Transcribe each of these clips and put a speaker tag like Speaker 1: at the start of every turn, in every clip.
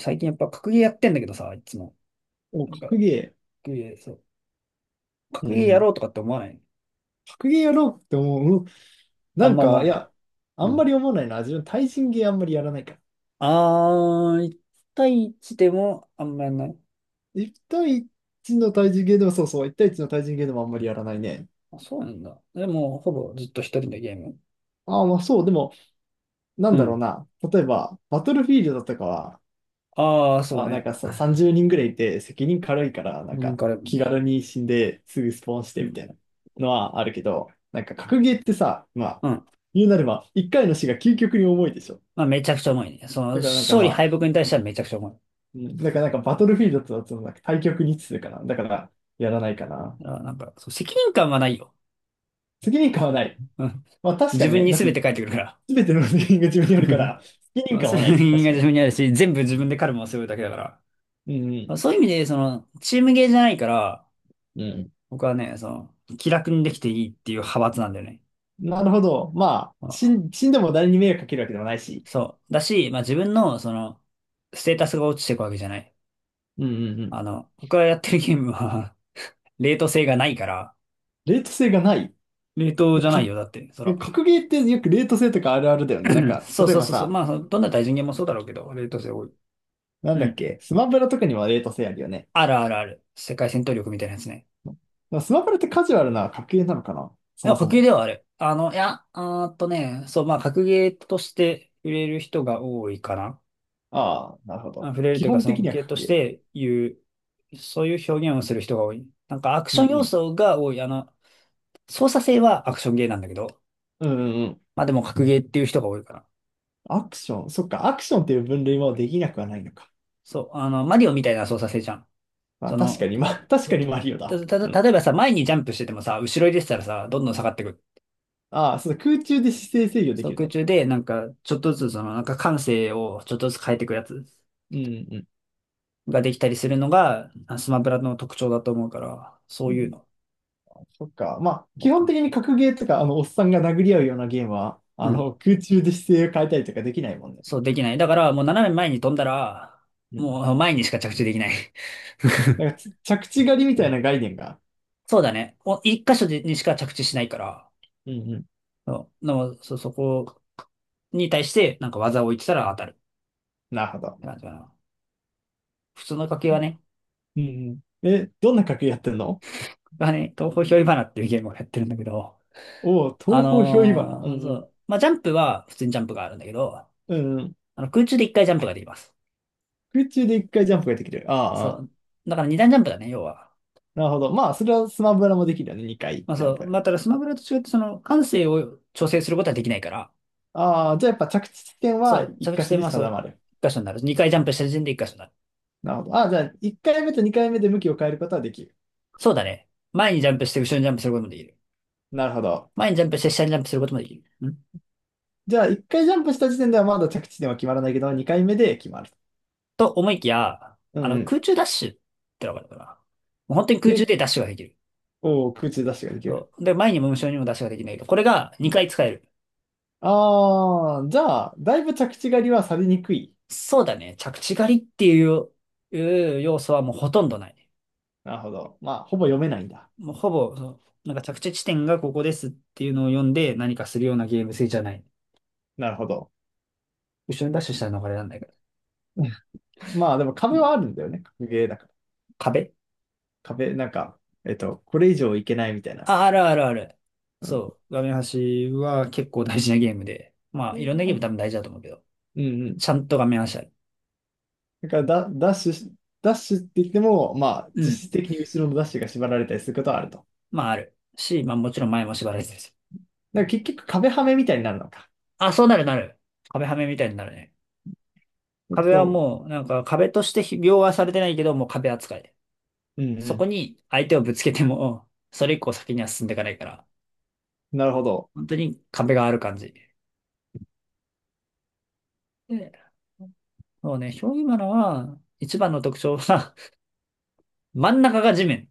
Speaker 1: 最近やっぱ格ゲーやってんだけどさ、いつも。
Speaker 2: お、
Speaker 1: なんか、
Speaker 2: 格ゲ
Speaker 1: 格ゲー、そう。
Speaker 2: ー。う
Speaker 1: 格ゲ
Speaker 2: ん
Speaker 1: ー
Speaker 2: う
Speaker 1: や
Speaker 2: ん。
Speaker 1: ろうとかって思わない？
Speaker 2: 格ゲーやろうって思う。うん
Speaker 1: あ
Speaker 2: な
Speaker 1: ん
Speaker 2: ん
Speaker 1: ま思わ
Speaker 2: か、い
Speaker 1: ない。
Speaker 2: や、あ
Speaker 1: う
Speaker 2: んま
Speaker 1: ん。
Speaker 2: り思わないな。自分、対人ゲーあんまりやらないから。
Speaker 1: 1対1でもあんまやんない。
Speaker 2: 一対一の対人ゲーでも、そうそう、一対一の対人ゲーでもあんまりやらないね。
Speaker 1: あ、そうなんだ。でも、ほぼずっと一人でゲーム。
Speaker 2: ああ、まあそう、でも、なん
Speaker 1: う
Speaker 2: だろう
Speaker 1: ん。
Speaker 2: な。例えば、バトルフィールドとかは、
Speaker 1: そう
Speaker 2: あ、なん
Speaker 1: ね。
Speaker 2: かさ、30人ぐらいいて、責任軽いから、なん
Speaker 1: うん、
Speaker 2: か、
Speaker 1: これ、う
Speaker 2: 気軽に死んですぐスポーンしてみ
Speaker 1: ん。
Speaker 2: たいなのはあるけど、なんか、格ゲーってさ、まあ、
Speaker 1: うん。
Speaker 2: 言うなれば、一回の死が究極に重いでしょ。
Speaker 1: まあ、めちゃくちゃ重いね。その、
Speaker 2: だからなんか
Speaker 1: 勝
Speaker 2: ま
Speaker 1: 利敗
Speaker 2: あ、
Speaker 1: 北に対してはめちゃくちゃ重い。
Speaker 2: うん、だからなんかバトルフィールドとだとなんか対局に位置するかな。だからやらないかな。
Speaker 1: あ、なんか、そう、責任感はないよ。
Speaker 2: 責任感はない。
Speaker 1: うん。
Speaker 2: まあ確か
Speaker 1: 自
Speaker 2: に
Speaker 1: 分
Speaker 2: ね。
Speaker 1: に
Speaker 2: だっ
Speaker 1: 全
Speaker 2: て
Speaker 1: て返ってくるから。
Speaker 2: 全ての責任が自分にあるか ら、責任
Speaker 1: まあ
Speaker 2: 感
Speaker 1: 責
Speaker 2: はない。
Speaker 1: 任
Speaker 2: 確
Speaker 1: が
Speaker 2: か
Speaker 1: 自
Speaker 2: に。
Speaker 1: 分にあるし、全部自分でカルマを背負うだけだから。
Speaker 2: うん
Speaker 1: そういう意味で、その、チームゲーじゃないから、
Speaker 2: うん。う
Speaker 1: 僕はね、その、気楽にできていいっていう派閥なんだよね。
Speaker 2: ん。なるほど。まあ、
Speaker 1: まあ
Speaker 2: 死んでも誰に迷惑かけるわけでもないし。
Speaker 1: そう。だし、まあ自分の、その、ステータスが落ちていくわけじゃない。
Speaker 2: うんうんうん。
Speaker 1: あの、僕がやってるゲームは 冷凍性がないから、
Speaker 2: レート性がない。
Speaker 1: 冷凍じゃない
Speaker 2: か、
Speaker 1: よ、だって、そら。
Speaker 2: 格ゲーってよくレート性とかあるあるだよね。なん か、
Speaker 1: そう
Speaker 2: 例え
Speaker 1: そう
Speaker 2: ば
Speaker 1: そうそう。
Speaker 2: さ、
Speaker 1: まあ、そのどんな対人ゲームもそうだろうけど、冷凍性多い。
Speaker 2: なん
Speaker 1: う
Speaker 2: だっ
Speaker 1: ん。
Speaker 2: け、スマブラとかにはレート性あるよね。
Speaker 1: あるあるある。世界戦闘力みたいなやつね。
Speaker 2: まあスマブラってカジュアルな格ゲーなのかな
Speaker 1: い
Speaker 2: そ
Speaker 1: や、
Speaker 2: もそ
Speaker 1: 格ゲー
Speaker 2: も。
Speaker 1: ではある。あの、いや、あーっとね、そう、まあ、格ゲーとして売れる人が多いかな。
Speaker 2: ああ、なるほ
Speaker 1: あ
Speaker 2: ど。
Speaker 1: 触れる
Speaker 2: 基
Speaker 1: というか、
Speaker 2: 本
Speaker 1: そ
Speaker 2: 的
Speaker 1: の
Speaker 2: には
Speaker 1: 系と
Speaker 2: 格ゲ
Speaker 1: し
Speaker 2: ー。
Speaker 1: て言う、そういう表現をする人が多い。なんかアク
Speaker 2: う
Speaker 1: シ
Speaker 2: ん
Speaker 1: ョン
Speaker 2: う
Speaker 1: 要
Speaker 2: ん。
Speaker 1: 素が多い。あの、操作性はアクションゲーなんだけど、
Speaker 2: うんうんうん。
Speaker 1: まあでも格ゲーっていう人が多いから。
Speaker 2: アクション。そっか、アクションっていう分類もできなくはないのか。
Speaker 1: そう、あの、マリオみたいな操作性じゃん。
Speaker 2: まあ、
Speaker 1: そ
Speaker 2: 確か
Speaker 1: の、
Speaker 2: に、まあ、確
Speaker 1: そ
Speaker 2: か
Speaker 1: う、
Speaker 2: にマリオだ。
Speaker 1: た、
Speaker 2: う
Speaker 1: た、た
Speaker 2: ん。
Speaker 1: 例えばさ、前にジャンプしててもさ、後ろに出てたらさ、どんどん下がってくる。
Speaker 2: ああ、そうだ、空中で姿勢制御で
Speaker 1: そ
Speaker 2: き
Speaker 1: う、
Speaker 2: る
Speaker 1: 空
Speaker 2: ね。
Speaker 1: 中で、なんか、ちょっとずつ、その、なんか感性をちょっとずつ変えていくやつ
Speaker 2: うんうん。
Speaker 1: ができたりするのが、スマブラの特徴だと思うから、そ
Speaker 2: う
Speaker 1: ういう
Speaker 2: ん、
Speaker 1: の。
Speaker 2: そっか。まあ、
Speaker 1: どう
Speaker 2: 基本
Speaker 1: か
Speaker 2: 的に格ゲーとか、あの、おっさんが殴り合うようなゲームは、あ
Speaker 1: な
Speaker 2: の、空中で姿勢を変えたりとかできないもんね。
Speaker 1: そう、できない。だから、もう斜め前に飛んだら、
Speaker 2: うん。
Speaker 1: もう前にしか着地できない。
Speaker 2: な んかつ、着地狩りみたいな概念が。
Speaker 1: そうだね。お一箇所でにしか着地しないから、
Speaker 2: うんうん。
Speaker 1: そうでもそこに対して、なんか技を置いてたら当たるっ
Speaker 2: なるほど。
Speaker 1: て感じかな。普通の掛けはね、
Speaker 2: うんうん。え、どんな格ゲーやってんの？
Speaker 1: がね、東方ひょいばなっていうゲームをやってるんだけど、
Speaker 2: おおう、東方憑依花。うんう
Speaker 1: そ
Speaker 2: ん。
Speaker 1: う、まあ、ジャンプは普通にジャンプがあるんだけど、
Speaker 2: うんうん。
Speaker 1: あの空中で一回ジャンプができます。
Speaker 2: 空中で一回ジャンプができる。ああ、
Speaker 1: そ
Speaker 2: ああ。
Speaker 1: う。だから二段ジャンプだね、要は。
Speaker 2: なるほど。まあ、それはスマブラもできるよね。2回
Speaker 1: まあ
Speaker 2: ジャ
Speaker 1: そ
Speaker 2: ン
Speaker 1: う。
Speaker 2: プ。
Speaker 1: まあ、ただスマブラと違って、その、感性を調整することはできないから、
Speaker 2: ああ、じゃあやっぱ着地点
Speaker 1: そ
Speaker 2: は
Speaker 1: う、
Speaker 2: 1
Speaker 1: 着
Speaker 2: 箇
Speaker 1: 地
Speaker 2: 所
Speaker 1: 点
Speaker 2: に
Speaker 1: はそ
Speaker 2: 定
Speaker 1: う、
Speaker 2: まる。
Speaker 1: 一箇所になる。二回ジャンプした時点で一箇所になる。
Speaker 2: なるほど。ああ、じゃあ1回目と2回目で向きを変えることはできる。
Speaker 1: そうだね。前にジャンプして後ろにジャンプすることもできる。
Speaker 2: なるほど。
Speaker 1: 前にジャンプして下にジャンプすることもできる。
Speaker 2: じゃあ1回ジャンプした時点ではまだ着地点は決まらないけど、2回目で決まる。
Speaker 1: と思いきや、
Speaker 2: う
Speaker 1: あ
Speaker 2: んう
Speaker 1: の、
Speaker 2: ん。
Speaker 1: 空中ダッシュってのがあるかな。もう本当に空中
Speaker 2: で、
Speaker 1: でダッシュができる。
Speaker 2: おー空中ダッシュができる。
Speaker 1: そう。で、前にも後ろにもダッシュができないけど、これが2回使える。
Speaker 2: ああー、じゃあ、だいぶ着地狩りはされにくい。
Speaker 1: そうだね。着地狩りっていう要素はもうほとんどない。
Speaker 2: なるほど。まあ、ほぼ読めないんだ。
Speaker 1: もうほぼ、そうなんか着地地点がここですっていうのを読んで何かするようなゲーム性じゃない。
Speaker 2: なるほど。
Speaker 1: 後ろにダッシュしたら逃れられないから。
Speaker 2: まあ、でも
Speaker 1: う
Speaker 2: 壁
Speaker 1: ん
Speaker 2: はあるんだよね。格ゲーだから。
Speaker 1: 壁
Speaker 2: 壁、なんか、これ以上いけないみたいな。
Speaker 1: あるあるある。そう。画面端は結構大事なゲームで。ま
Speaker 2: う
Speaker 1: あ、いろんなゲーム多
Speaker 2: ん
Speaker 1: 分大事だと思うけど。
Speaker 2: うんうん。
Speaker 1: ちゃんと画面端ある。
Speaker 2: だからだ、ダッシュし、ダッシュって言っても、まあ、
Speaker 1: うん。
Speaker 2: 実質的に後ろのダッシュが縛られたりすることはあると。
Speaker 1: まあ、ある。し、まあ、もちろん前も縛られてるし。
Speaker 2: だから結局壁はめみたいになるのか。
Speaker 1: あ、そうなるなる。壁はめみたいになるね。壁は
Speaker 2: そ
Speaker 1: もう、なんか壁として描画されてないけど、もう壁扱い。
Speaker 2: う。うんう
Speaker 1: そこ
Speaker 2: ん。
Speaker 1: に相手をぶつけても、それ以降先には進んでいかないから。
Speaker 2: なるほど。
Speaker 1: 本当に壁がある感じ。でそうね、表現マナは、一番の特徴は、真ん中が地面。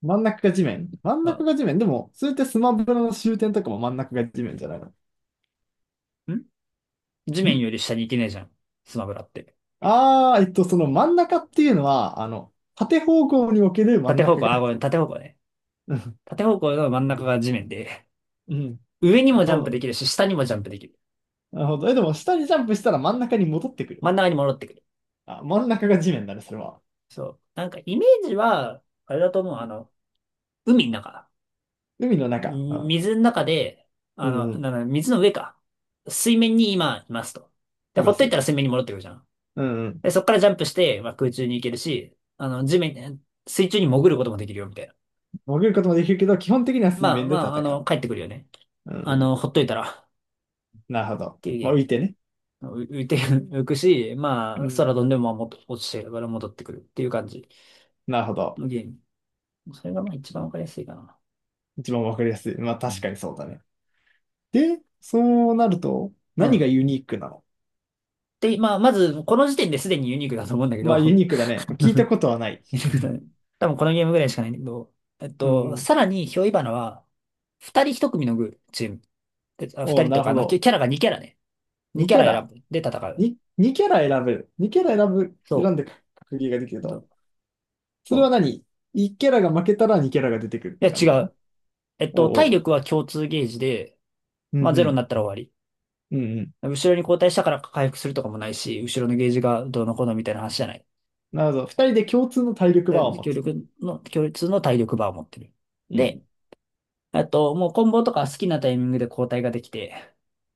Speaker 2: 真ん中が地面。真ん
Speaker 1: あ
Speaker 2: 中が地面。でも、それってスマブラの終点とかも真ん中が地面じゃないの。
Speaker 1: ん地
Speaker 2: ん
Speaker 1: 面より下に行けないじゃん。スマブラって。
Speaker 2: その真ん中っていうのは、あの、縦方向における真ん
Speaker 1: 縦方
Speaker 2: 中
Speaker 1: 向、あ、
Speaker 2: が。
Speaker 1: ごめん、縦方向ね。
Speaker 2: うん
Speaker 1: 縦方向の真ん中が地面で、
Speaker 2: うん。な
Speaker 1: 上に
Speaker 2: る
Speaker 1: もジ
Speaker 2: ほ
Speaker 1: ャンプ
Speaker 2: ど。
Speaker 1: できるし、下にもジャンプできる。
Speaker 2: なるほど。え、でも、下にジャンプしたら真ん中に戻ってくる。
Speaker 1: 真ん中に戻ってくる。
Speaker 2: あ、真ん中が地面だね、それは。
Speaker 1: そう。なんかイメージは、あれだと思う。あの、海の中。
Speaker 2: 海の中。うん。
Speaker 1: 水の中で、
Speaker 2: う
Speaker 1: あの、
Speaker 2: んうん。
Speaker 1: なんだ、水の上か。水面に今いますと。で、
Speaker 2: い
Speaker 1: ほ
Speaker 2: ま
Speaker 1: っとい
Speaker 2: す。
Speaker 1: たら水面に戻ってくるじゃん。
Speaker 2: うんうん。
Speaker 1: で、そこからジャンプして、まあ、空中に行けるし、あの、地面、水中に潜ることもできるよ、みたいな。
Speaker 2: 潜ることもできるけど、基本的には水
Speaker 1: まあ
Speaker 2: 面で
Speaker 1: ま
Speaker 2: 戦
Speaker 1: あ、あ
Speaker 2: う。
Speaker 1: の、帰ってくるよね。
Speaker 2: うんう
Speaker 1: あ
Speaker 2: ん。
Speaker 1: の、ほっといたら、っ
Speaker 2: なるほど。
Speaker 1: ていうゲ
Speaker 2: まあ、
Speaker 1: ー
Speaker 2: 浮いてね。
Speaker 1: ム。浮いて、浮くし、
Speaker 2: う
Speaker 1: まあ、空
Speaker 2: ん。
Speaker 1: 飛んでもまあもっと落ちてるから戻ってくるっていう感じ
Speaker 2: なるほど。
Speaker 1: のゲーム。それがまあ一番わかりやすいかな。
Speaker 2: 一番わかりやすい。まあ、
Speaker 1: う
Speaker 2: 確
Speaker 1: ん。
Speaker 2: かにそうだね。で、そうなると、
Speaker 1: う
Speaker 2: 何が
Speaker 1: ん。
Speaker 2: ユニークなの？
Speaker 1: で、まあ、まず、この時点ですでにユニークだと思うんだけ
Speaker 2: ま
Speaker 1: ど
Speaker 2: あ、ユ ニークだね。聞いたことはない。
Speaker 1: 多分このゲームぐらいしかないんだけど、
Speaker 2: うん。
Speaker 1: さらに、ヒョイバナは、二人一組のグチーム。で二
Speaker 2: おう、
Speaker 1: 人
Speaker 2: な
Speaker 1: と
Speaker 2: る
Speaker 1: か、あ
Speaker 2: ほ
Speaker 1: の、キャ
Speaker 2: ど。
Speaker 1: キャラが二キャラね。二
Speaker 2: 2
Speaker 1: キャ
Speaker 2: キャ
Speaker 1: ラ選
Speaker 2: ラ。
Speaker 1: ぶ。で、戦う。
Speaker 2: 2キャラ選べる。2キャラ選
Speaker 1: そ
Speaker 2: んで格ゲーができる
Speaker 1: う。あと
Speaker 2: と。そ
Speaker 1: そ
Speaker 2: れは
Speaker 1: う。
Speaker 2: 何？ 1 キャラが負けたら2キャラが出てくるっ
Speaker 1: いや、
Speaker 2: て感
Speaker 1: 違
Speaker 2: じな
Speaker 1: う。
Speaker 2: の？おう
Speaker 1: 体
Speaker 2: おう。
Speaker 1: 力は共通ゲージで、
Speaker 2: う
Speaker 1: まあ、
Speaker 2: んう
Speaker 1: ゼロに
Speaker 2: ん。
Speaker 1: なったら終わり。
Speaker 2: うんうん。
Speaker 1: 後ろに後退したから回復するとかもないし、後ろのゲージがどうのこうのみたいな話じゃない。
Speaker 2: なるほど。2人で共通の体力バーを
Speaker 1: で
Speaker 2: 持つ。
Speaker 1: 強烈の体力バーを持ってる。
Speaker 2: うん。
Speaker 1: で、あと、もうコンボとか好きなタイミングで交代ができて、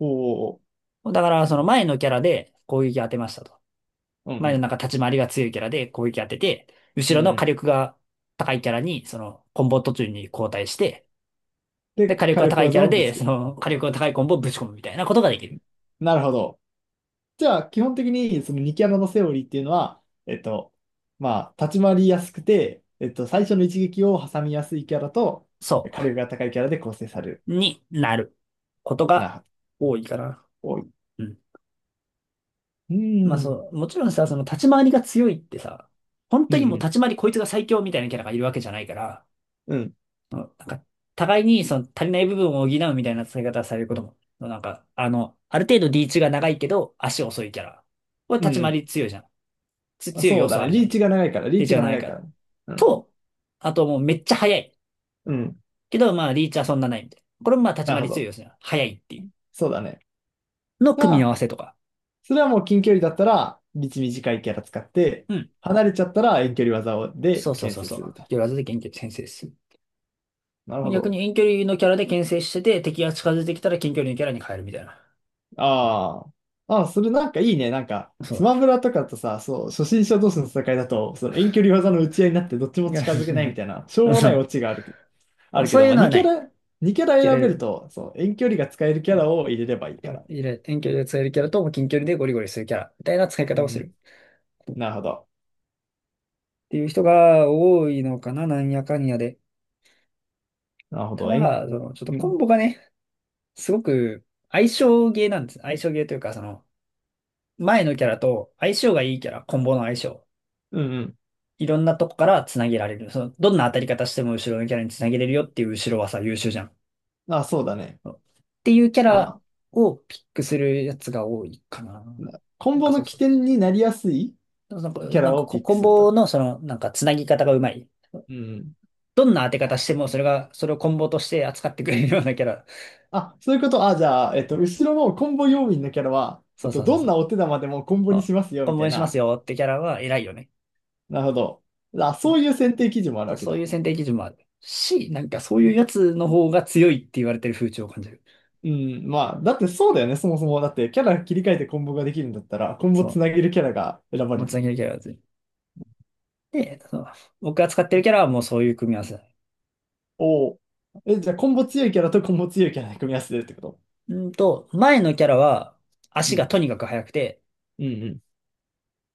Speaker 2: おお、
Speaker 1: だからその前のキャラで攻撃当てましたと。
Speaker 2: う
Speaker 1: 前の
Speaker 2: ん
Speaker 1: なんか立ち回りが強いキャラで攻撃当てて、後
Speaker 2: うん。う
Speaker 1: ろ
Speaker 2: ん
Speaker 1: の
Speaker 2: う
Speaker 1: 火
Speaker 2: ん。
Speaker 1: 力が高いキャラに、そのコンボ途中に交代して、で、
Speaker 2: で、
Speaker 1: 火力
Speaker 2: 火
Speaker 1: が
Speaker 2: 力
Speaker 1: 高いキャ
Speaker 2: 技
Speaker 1: ラ
Speaker 2: をぶつ
Speaker 1: で、
Speaker 2: け
Speaker 1: そ
Speaker 2: る。
Speaker 1: の火力が高いコンボをぶち込むみたいなことができる。
Speaker 2: なるほど。じゃあ、基本的に、その2キャラのセオリーっていうのは、まあ、立ち回りやすくて、最初の一撃を挟みやすいキャラと、
Speaker 1: そ
Speaker 2: 火力が高いキャラで構成される。
Speaker 1: う。になることが
Speaker 2: な、
Speaker 1: 多いかな。
Speaker 2: 多い。
Speaker 1: うん
Speaker 2: う
Speaker 1: まあ
Speaker 2: ん。
Speaker 1: そう、もちろんさ、その立ち回りが強いってさ、本
Speaker 2: う
Speaker 1: 当にもう
Speaker 2: ん
Speaker 1: 立ち回りこいつが最強みたいなキャラがいるわけじゃないから、
Speaker 2: うん。うん。
Speaker 1: うんなんか、互いにその足りない部分を補うみたいな使い方されることも、なんか、あの、ある程度リーチが長いけど、足遅いキャラ。これ
Speaker 2: う
Speaker 1: 立ち回
Speaker 2: ん。
Speaker 1: り強いじゃん。
Speaker 2: あ、
Speaker 1: 強い
Speaker 2: そ
Speaker 1: 要
Speaker 2: うだ
Speaker 1: 素あ
Speaker 2: ね。
Speaker 1: るじゃ
Speaker 2: リー
Speaker 1: ん。
Speaker 2: チが長いから、リー
Speaker 1: リー
Speaker 2: チ
Speaker 1: チが
Speaker 2: が
Speaker 1: な
Speaker 2: 長
Speaker 1: い
Speaker 2: い
Speaker 1: か
Speaker 2: か
Speaker 1: ら。
Speaker 2: ら。うん。
Speaker 1: と、あともうめっちゃ速い。
Speaker 2: うん。
Speaker 1: けど、まあリーチはそんなないみたいな。これもまあ立ち
Speaker 2: なる
Speaker 1: 回
Speaker 2: ほ
Speaker 1: り強い
Speaker 2: ど。
Speaker 1: 要素じゃん。速いってい
Speaker 2: そうだね。
Speaker 1: う。の
Speaker 2: じゃ
Speaker 1: 組み合
Speaker 2: あ、
Speaker 1: わせとか。
Speaker 2: それはもう近距離だったら、道短いキャラ使って、
Speaker 1: うん。
Speaker 2: 離れちゃったら遠距離技で
Speaker 1: そうそう
Speaker 2: 牽
Speaker 1: そう
Speaker 2: 制
Speaker 1: そ
Speaker 2: するみたい
Speaker 1: う。よらずで研究先生です。
Speaker 2: な。なるほ
Speaker 1: 逆に
Speaker 2: ど。
Speaker 1: 遠距離のキャラで牽制してて、敵が近づいてきたら近距離のキャラに変えるみたいな。
Speaker 2: ああ。ああ、それなんかいいね。なんか、
Speaker 1: そ
Speaker 2: ス
Speaker 1: う。
Speaker 2: マブラとかとさ、そう、初心者同士の戦いだと、その遠距離技の打ち合いになってどっち
Speaker 1: い
Speaker 2: も
Speaker 1: や、
Speaker 2: 近づけないみたいな、しょう もない
Speaker 1: そ
Speaker 2: オチがあ
Speaker 1: う
Speaker 2: るけ
Speaker 1: そう
Speaker 2: ど、
Speaker 1: いう
Speaker 2: まあ、
Speaker 1: のは
Speaker 2: 2
Speaker 1: な
Speaker 2: キャ
Speaker 1: い。
Speaker 2: ラ、2キャラ
Speaker 1: キャラ
Speaker 2: 選べ
Speaker 1: 選
Speaker 2: る
Speaker 1: ぶ。
Speaker 2: と、そう、遠距離が使えるキャラを入れればいいから。
Speaker 1: いれ遠距離で使えるキャラと、近距離でゴリゴリするキャラみたいな使い
Speaker 2: う
Speaker 1: 方をする。
Speaker 2: ん。
Speaker 1: っ
Speaker 2: なるほど。
Speaker 1: ていう人が多いのかな、なんやかんやで。
Speaker 2: なるほ
Speaker 1: た
Speaker 2: ど。
Speaker 1: だ、その、ちょっと
Speaker 2: う
Speaker 1: コ
Speaker 2: ん。
Speaker 1: ンボがね、すごく相性ゲーなんです。相性ゲーというか、その、前のキャラと相性がいいキャラ、コンボの相性。
Speaker 2: うんうん。
Speaker 1: いろんなとこから繋げられる。その、どんな当たり方しても後ろのキャラに繋げれるよっていう後ろはさ、優秀じゃん。
Speaker 2: あ、そうだね。
Speaker 1: っていうキャラ
Speaker 2: あ。
Speaker 1: をピックするやつが多いかな。な
Speaker 2: コン
Speaker 1: ん
Speaker 2: ボ
Speaker 1: かそ
Speaker 2: の
Speaker 1: うそ
Speaker 2: 起
Speaker 1: う。
Speaker 2: 点になりやすい
Speaker 1: でもなんか、
Speaker 2: キャ
Speaker 1: なん
Speaker 2: ラ
Speaker 1: か
Speaker 2: をピ
Speaker 1: コ
Speaker 2: ック
Speaker 1: コン
Speaker 2: する
Speaker 1: ボ
Speaker 2: と。
Speaker 1: のその、なんかつなぎ方がうまい。
Speaker 2: うん。
Speaker 1: どんな当て方
Speaker 2: あ、
Speaker 1: してもそれが、それをコンボとして扱ってくれるようなキャラ。
Speaker 2: あ、そういうこと。あ、じゃあ、後ろのコンボ要員のキャラは、
Speaker 1: そうそうそう
Speaker 2: どん
Speaker 1: そう。
Speaker 2: なお手玉でもコンボに
Speaker 1: あ
Speaker 2: しますよ、
Speaker 1: コ
Speaker 2: み
Speaker 1: ン
Speaker 2: た
Speaker 1: ボ
Speaker 2: い
Speaker 1: にします
Speaker 2: な。
Speaker 1: よってキャラは偉いよね。
Speaker 2: なるほど。あ、
Speaker 1: う
Speaker 2: そう
Speaker 1: ん
Speaker 2: いう選定基準もある
Speaker 1: そ
Speaker 2: わ
Speaker 1: う
Speaker 2: け
Speaker 1: そうい
Speaker 2: だ。
Speaker 1: う選定基準もあるし、なんかそういうやつの方が強いって言われてる風潮を感じる。
Speaker 2: うん、まあ、だってそうだよね、そもそも。だって、キャラ切り替えてコンボができるんだったら、コンボ
Speaker 1: そ
Speaker 2: つな
Speaker 1: う。
Speaker 2: げるキャラが選ば
Speaker 1: も
Speaker 2: れ
Speaker 1: うつ
Speaker 2: る
Speaker 1: な
Speaker 2: よ。
Speaker 1: ぎのキャラは強い。で、そう僕が使ってるキャラはもうそういう組み合わせ。
Speaker 2: おお。え、じゃあ、コンボ強いキャラとコンボ強いキャラで組み合わせてるってこと？
Speaker 1: うんと、前のキャラは
Speaker 2: う
Speaker 1: 足が
Speaker 2: ん。
Speaker 1: とにかく速くて、
Speaker 2: うん。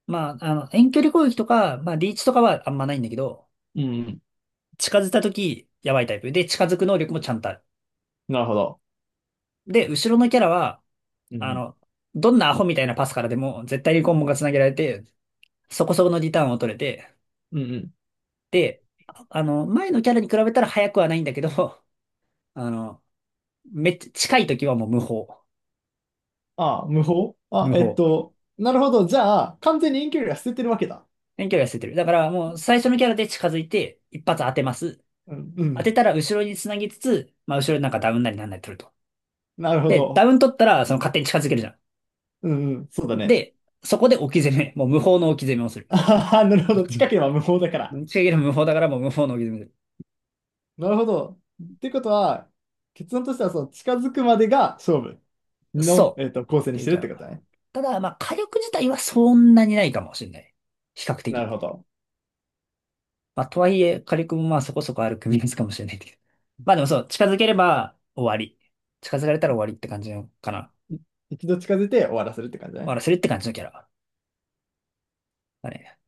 Speaker 1: まあ、あの、遠距離攻撃とか、まあ、リーチとかはあんまないんだけど、
Speaker 2: うんうん。うん。
Speaker 1: 近づいた時、やばいタイプ。で、近づく能力もちゃんとある。
Speaker 2: なるほど。
Speaker 1: で、後ろのキャラは、
Speaker 2: うん。
Speaker 1: あ
Speaker 2: うん。
Speaker 1: の、どんなアホみたいなパスからでも、絶対にコンボが繋げられて、そこそこのリターンを取れて、
Speaker 2: うんうん。
Speaker 1: で、前のキャラに比べたら速くはないんだけど、あの、めっちゃ近い時はもう無法。
Speaker 2: あ、無法あ、
Speaker 1: 無
Speaker 2: えっ
Speaker 1: 法。
Speaker 2: と、なるほど。じゃあ、完全に遠距離は捨ててるわけだ。
Speaker 1: 遠距離は捨ててる。だからもう最初のキャラで近づいて、一発当てます。
Speaker 2: うん、う
Speaker 1: 当
Speaker 2: ん。
Speaker 1: てたら後ろに繋ぎつつ、まあ後ろになんかダウンなりなんなり取ると。
Speaker 2: なるほ
Speaker 1: で、ダ
Speaker 2: ど。
Speaker 1: ウン取ったらその勝手に近づけるじゃ
Speaker 2: うん、うん、そうだ
Speaker 1: ん。
Speaker 2: ね。
Speaker 1: で、そこで置き攻め。もう無法の置き攻めをする。
Speaker 2: あはは。なるほど。近ければ無法だか
Speaker 1: 近
Speaker 2: ら。
Speaker 1: づける無法だからもう無法の置き攻めをす
Speaker 2: なるほど。ってことは、結論としては、その近づくまでが勝負
Speaker 1: る。
Speaker 2: の、
Speaker 1: そう。
Speaker 2: 構成
Speaker 1: っ
Speaker 2: に
Speaker 1: て
Speaker 2: し
Speaker 1: いう
Speaker 2: てる
Speaker 1: キ
Speaker 2: っ
Speaker 1: ャ
Speaker 2: てこと
Speaker 1: ラ。
Speaker 2: だね。
Speaker 1: ただ、まあ火力自体はそんなにないかもしれない。比較
Speaker 2: な
Speaker 1: 的。
Speaker 2: るほど。
Speaker 1: まあとはいえ火力もまあそこそこある組み合わせかもしれないけど。まあでもそう、近づければ終わり。近づかれたら終わりって感じのかな。
Speaker 2: い一度近づいて終わらせるって感じだ
Speaker 1: 終わ
Speaker 2: ね。
Speaker 1: らせるって感じのキャラだね。